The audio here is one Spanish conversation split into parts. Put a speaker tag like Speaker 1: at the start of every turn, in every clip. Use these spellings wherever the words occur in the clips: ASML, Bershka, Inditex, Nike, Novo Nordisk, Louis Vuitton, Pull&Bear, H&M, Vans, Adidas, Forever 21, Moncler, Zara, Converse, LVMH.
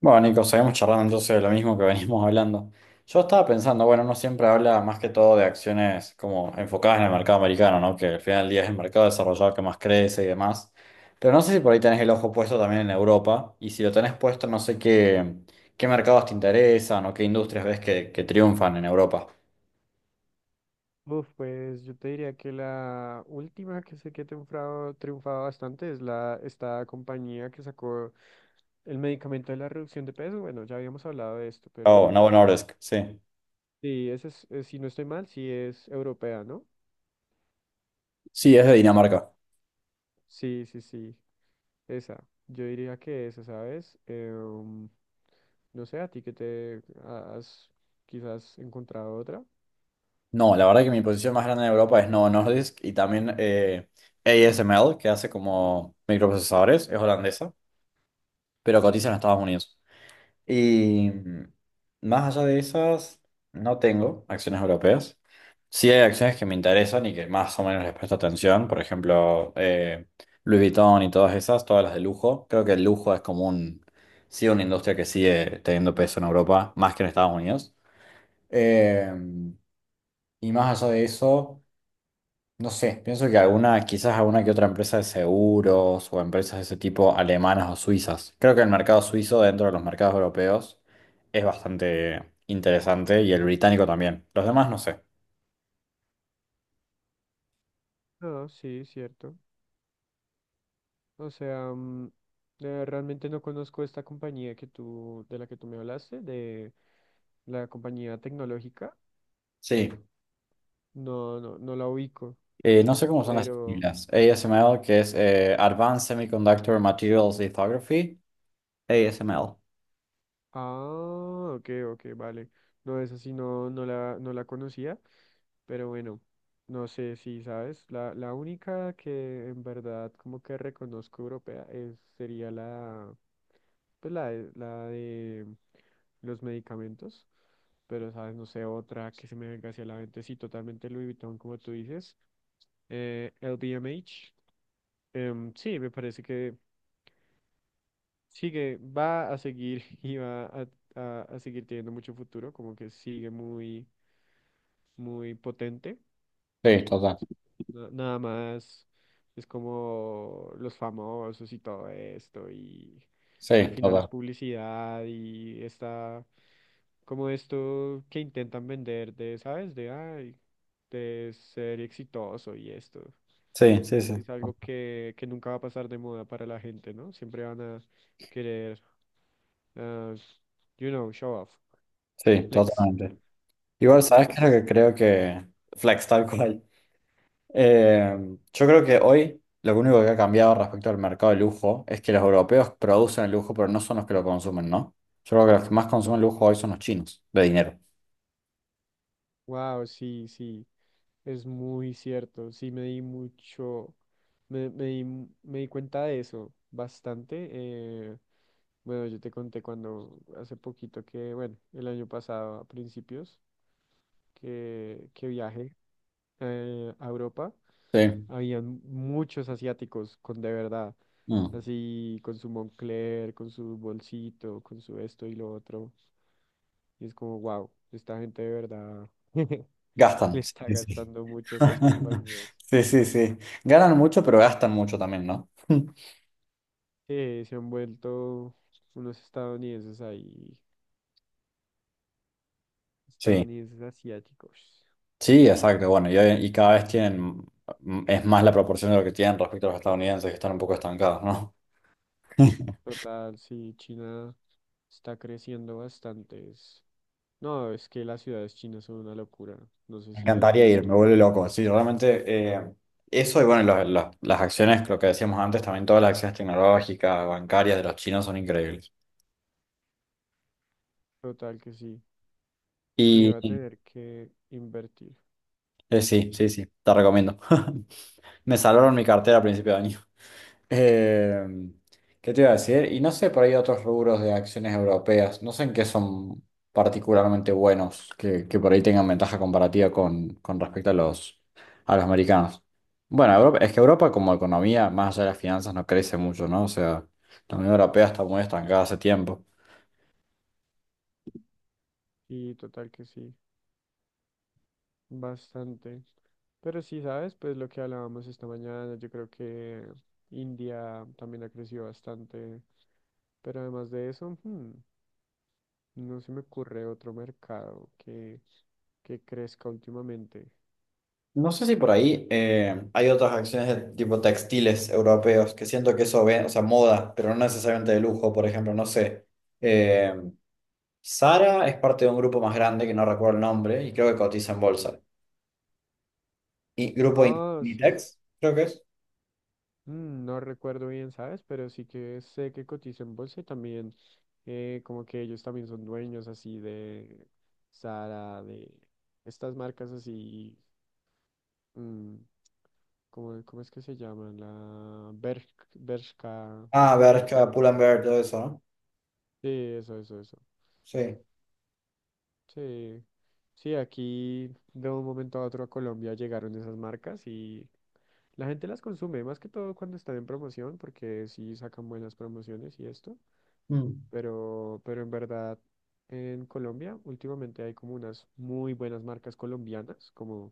Speaker 1: Bueno, Nico, seguimos charlando entonces de lo mismo que venimos hablando. Yo estaba pensando, bueno, uno siempre habla más que todo de acciones como enfocadas en el mercado americano, ¿no? Que al final del día es el mercado desarrollado que más crece y demás. Pero no sé si por ahí tenés el ojo puesto también en Europa. Y si lo tenés puesto, no sé qué mercados te interesan o qué industrias ves que triunfan en Europa.
Speaker 2: Uf, pues yo te diría que la última que sé que ha triunfado, triunfado bastante es la esta compañía que sacó el medicamento de la reducción de peso. Bueno, ya habíamos hablado de esto,
Speaker 1: Oh,
Speaker 2: pero
Speaker 1: Novo Nordisk, sí.
Speaker 2: sí, esa es, si no estoy mal, sí es europea, ¿no?
Speaker 1: Sí, es de Dinamarca.
Speaker 2: Sí, sí, sí, esa. Yo diría que esa, ¿sabes? No sé, a ti que te has quizás encontrado otra.
Speaker 1: No, la verdad que mi posición más grande en Europa es Novo Nordisk y también ASML, que hace como microprocesadores, es holandesa. Pero cotiza en Estados Unidos. Y más allá de esas, no tengo acciones europeas. Sí hay acciones que me interesan y que más o menos les presto atención, por ejemplo, Louis Vuitton y todas esas, todas las de lujo. Creo que el lujo es como sí, una industria que sigue teniendo peso en Europa, más que en Estados Unidos. Eh, y más allá de eso. No sé, pienso que alguna, quizás alguna que otra empresa de seguros o empresas de ese tipo alemanas o suizas. Creo que el mercado suizo dentro de los mercados europeos es bastante interesante y el británico también. Los demás no sé.
Speaker 2: No, sí, cierto. O sea, realmente no conozco esta compañía que tú, de la que tú me hablaste, de la compañía tecnológica.
Speaker 1: Sí,
Speaker 2: No, no, la ubico,
Speaker 1: no sé cómo son las
Speaker 2: pero...
Speaker 1: siglas. ASML, que es Advanced Semiconductor Materials Lithography. ASML.
Speaker 2: Ah, ok, ok, vale. No, esa sí no, no la conocía, pero bueno, no sé si sabes. La única que en verdad como que reconozco europea es, sería la... pues la de los medicamentos, pero sabes, no sé, otra que se me venga hacia la mente, sí, totalmente Louis Vuitton, como tú dices, LVMH, sí, me parece que sigue, va a seguir y va a, a seguir teniendo mucho futuro, como que sigue muy, muy potente.
Speaker 1: Sí, total.
Speaker 2: Nada más es como los famosos y todo esto y
Speaker 1: Sí,
Speaker 2: al final es
Speaker 1: total.
Speaker 2: publicidad y está como esto que intentan vender de, ¿sabes? De, ay, de ser exitoso y esto.
Speaker 1: Sí, sí, sí.
Speaker 2: Es algo que nunca va a pasar de moda para la gente, ¿no? Siempre van a querer, ah, you know, show off,
Speaker 1: Sí,
Speaker 2: flex,
Speaker 1: totalmente.
Speaker 2: el
Speaker 1: Igual, ¿sabes qué es lo
Speaker 2: flex.
Speaker 1: que creo que... Flex, tal cual. Eh, yo creo que hoy lo único que ha cambiado respecto al mercado de lujo es que los europeos producen el lujo, pero no son los que lo consumen, ¿no? Yo creo que los que más consumen lujo hoy son los chinos, de dinero.
Speaker 2: Wow, sí, sí, es muy cierto. Sí, me di mucho, me di cuenta de eso bastante. Bueno, yo te conté cuando hace poquito que, bueno, el año pasado a principios que viajé a Europa,
Speaker 1: Sí.
Speaker 2: habían muchos asiáticos con de verdad,
Speaker 1: Mm.
Speaker 2: así con su Moncler, con su bolsito, con su esto y lo otro. Y es como, wow, esta gente de verdad. le
Speaker 1: Gastan.
Speaker 2: está
Speaker 1: Sí, sí.
Speaker 2: gastando
Speaker 1: Sí,
Speaker 2: mucho a estas compañías.
Speaker 1: sí, sí. Sí. Ganan mucho, pero gastan mucho también, ¿no?
Speaker 2: Sí, se han vuelto unos estadounidenses ahí,
Speaker 1: Sí,
Speaker 2: estadounidenses asiáticos.
Speaker 1: sí, exacto. Bueno, y cada vez tienen, es más la proporción de lo que tienen respecto a los estadounidenses, que están un poco estancados, ¿no?
Speaker 2: Total, sí, China está creciendo bastante. No, es que las ciudades chinas son una locura. No sé
Speaker 1: Me
Speaker 2: si has
Speaker 1: encantaría ir, me
Speaker 2: visto.
Speaker 1: vuelve loco. Sí, realmente eh, eso y bueno, las acciones, lo que decíamos antes, también todas las acciones tecnológicas, bancarias de los chinos son increíbles.
Speaker 2: Total que sí. Sí, va a
Speaker 1: Y
Speaker 2: tener que invertir.
Speaker 1: sí, sí, sí, te recomiendo. Me salvaron mi
Speaker 2: so-
Speaker 1: cartera a principio de año. Eh, ¿Qué te iba a decir? Y no sé, por ahí otros rubros de acciones europeas, no sé en qué son particularmente buenos, que por ahí tengan ventaja comparativa con respecto a los americanos. Bueno, es que Europa como economía, más allá de las finanzas, no crece mucho, ¿no? O sea, la Unión Europea está muy estancada hace tiempo.
Speaker 2: Sí, total que sí. Bastante. Pero sí, ¿sabes? Pues lo que hablábamos esta mañana, yo creo que India también ha crecido bastante. Pero además de eso, no se me ocurre otro mercado que crezca últimamente.
Speaker 1: No sé si por ahí hay otras acciones de tipo textiles europeos, que siento que eso ven, o sea, moda, pero no necesariamente de lujo, por ejemplo, no sé. em, Sara es parte de un grupo más grande que no recuerdo el nombre y creo que cotiza en bolsa. Y grupo
Speaker 2: Ah, sí, sí.
Speaker 1: Inditex, creo que es.
Speaker 2: Mm, no recuerdo bien, ¿sabes? Pero sí que sé que cotiza en bolsa y también como que ellos también son dueños así de Zara, de estas marcas así, mm, ¿cómo, cómo es que se llaman? Bershka.
Speaker 1: Ah,
Speaker 2: las-
Speaker 1: Bershka, Pull&Bear, todo eso, ¿no?
Speaker 2: Sí, eso, eso, eso.
Speaker 1: Sí.
Speaker 2: Sí, sí, aquí de un momento a otro a Colombia llegaron esas marcas y la gente las consume, más que todo cuando están en promoción, porque sí sacan buenas promociones y esto,
Speaker 1: Mm.
Speaker 2: pero en verdad en Colombia últimamente hay como unas muy buenas marcas colombianas, como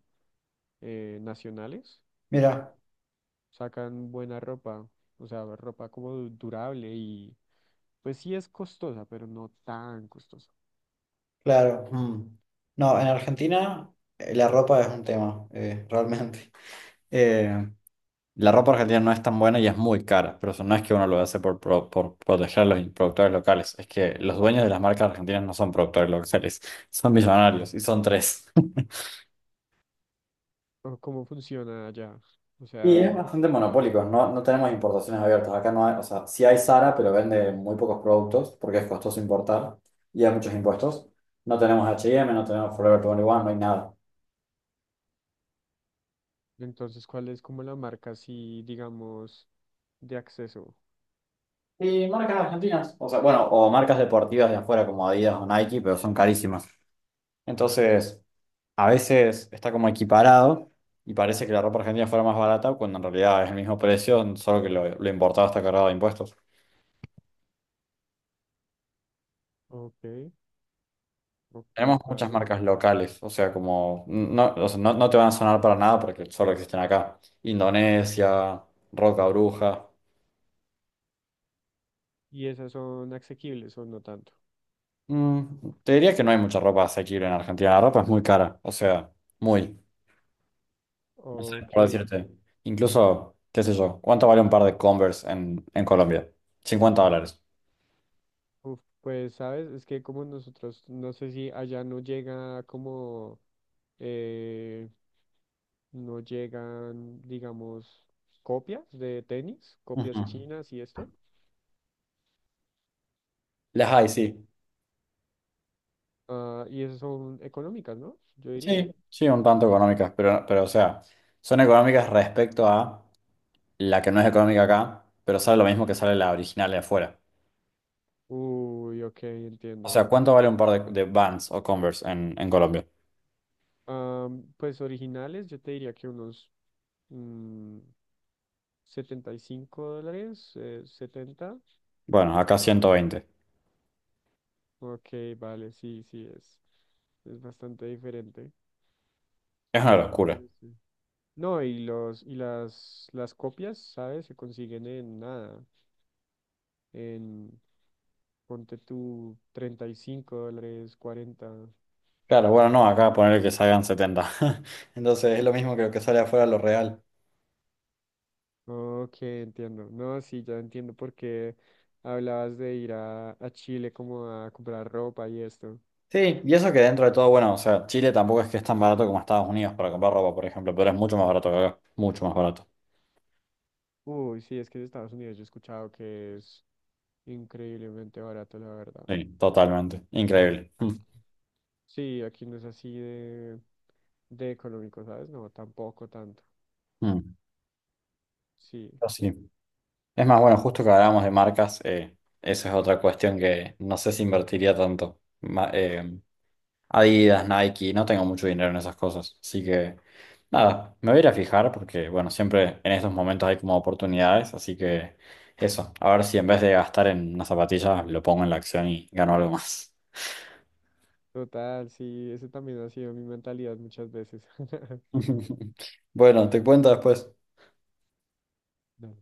Speaker 2: nacionales,
Speaker 1: Mira,
Speaker 2: sacan buena ropa, o sea, ropa como durable y pues sí es costosa, pero no tan costosa.
Speaker 1: claro. Mm. No, en Argentina la ropa es un tema, realmente. Eh, la ropa argentina no es tan buena y es muy cara, pero eso no es que uno lo hace por proteger a los productores locales, es que los dueños de las marcas argentinas no son productores locales, son millonarios y son tres.
Speaker 2: O ¿cómo funciona allá? O
Speaker 1: Y es
Speaker 2: sea...
Speaker 1: bastante monopólico, no, no tenemos importaciones abiertas. Acá no hay, o sea, sí hay Zara, pero vende muy pocos productos porque es costoso importar y hay muchos impuestos. No tenemos H&M, no tenemos Forever 21, no hay nada.
Speaker 2: Entonces, ¿cuál es como la marca así, digamos, de acceso?
Speaker 1: Y marcas argentinas, o sea, bueno, o marcas deportivas de afuera como Adidas o Nike, pero son carísimas. Entonces, a veces está como equiparado y parece que la ropa argentina fuera más barata cuando en realidad es el mismo precio, solo que lo importado está cargado de impuestos.
Speaker 2: Ok,
Speaker 1: Tenemos
Speaker 2: ok,
Speaker 1: muchas
Speaker 2: vale.
Speaker 1: marcas locales, o sea, como no, o sea, no, no te van a sonar para nada porque solo existen acá. Indonesia, Roca Bruja.
Speaker 2: ¿Y esas son asequibles o no tanto?
Speaker 1: Mm, Te diría que no hay mucha ropa asequible en Argentina. La ropa es muy cara, o sea, muy. No sé,
Speaker 2: Ok,
Speaker 1: por decirte. Incluso, qué sé yo, ¿cuánto vale un par de Converse en Colombia? $50.
Speaker 2: uf, pues sabes, es que como nosotros, no sé si allá no llega como, eh, no llegan, digamos, copias de tenis,
Speaker 1: Ujú.
Speaker 2: copias chinas y esto.
Speaker 1: Las hay, sí.
Speaker 2: Ah, y esas son económicas, ¿no? Yo diría.
Speaker 1: Sí, sí, un tanto económicas, pero o sea, son económicas respecto a la que no es económica acá, pero sale lo mismo que sale la original de afuera.
Speaker 2: Uy, ok,
Speaker 1: O
Speaker 2: entiendo.
Speaker 1: sea, ¿cuánto vale un par de Vans o Converse en Colombia?
Speaker 2: Ah, pues originales, yo te diría que unos mm, $75, 70.
Speaker 1: Bueno, acá 120.
Speaker 2: Ok, vale, sí, sí, es bastante diferente.
Speaker 1: Es una locura.
Speaker 2: Pero sí. No, y los, las copias, ¿sabes? Se consiguen en nada. En, ponte tú $35, 40.
Speaker 1: Claro, bueno, no, acá ponerle que salgan 70. Entonces es lo mismo que lo que sale afuera lo real.
Speaker 2: Ok, entiendo. No, sí, ya entiendo por qué hablabas de ir a Chile como a comprar ropa y esto.
Speaker 1: Sí, y eso que dentro de todo, bueno, o sea, Chile tampoco es que es tan barato como Estados Unidos para comprar ropa, por ejemplo, pero es mucho más barato que acá. Mucho más barato.
Speaker 2: Uy, sí, es que en Estados Unidos yo he escuchado que es increíblemente barato, la verdad.
Speaker 1: Sí, totalmente. Increíble.
Speaker 2: Ac- sí, aquí no es así de económico, ¿sabes? No, tampoco tanto.
Speaker 1: Mm, mm.
Speaker 2: Sí,
Speaker 1: Pero sí. Es más, bueno, justo que hablábamos de marcas, eso es otra cuestión que no sé si invertiría tanto. Adidas, Nike, no tengo mucho dinero en esas cosas. Así que, nada, me voy a ir a fijar porque, bueno, siempre en estos momentos hay como oportunidades. Así que, eso, a ver si en vez de gastar en una zapatilla, lo pongo en la acción y gano algo más.
Speaker 2: total, sí, eso también ha sido mi mentalidad muchas veces.
Speaker 1: Bueno, te cuento después.
Speaker 2: No.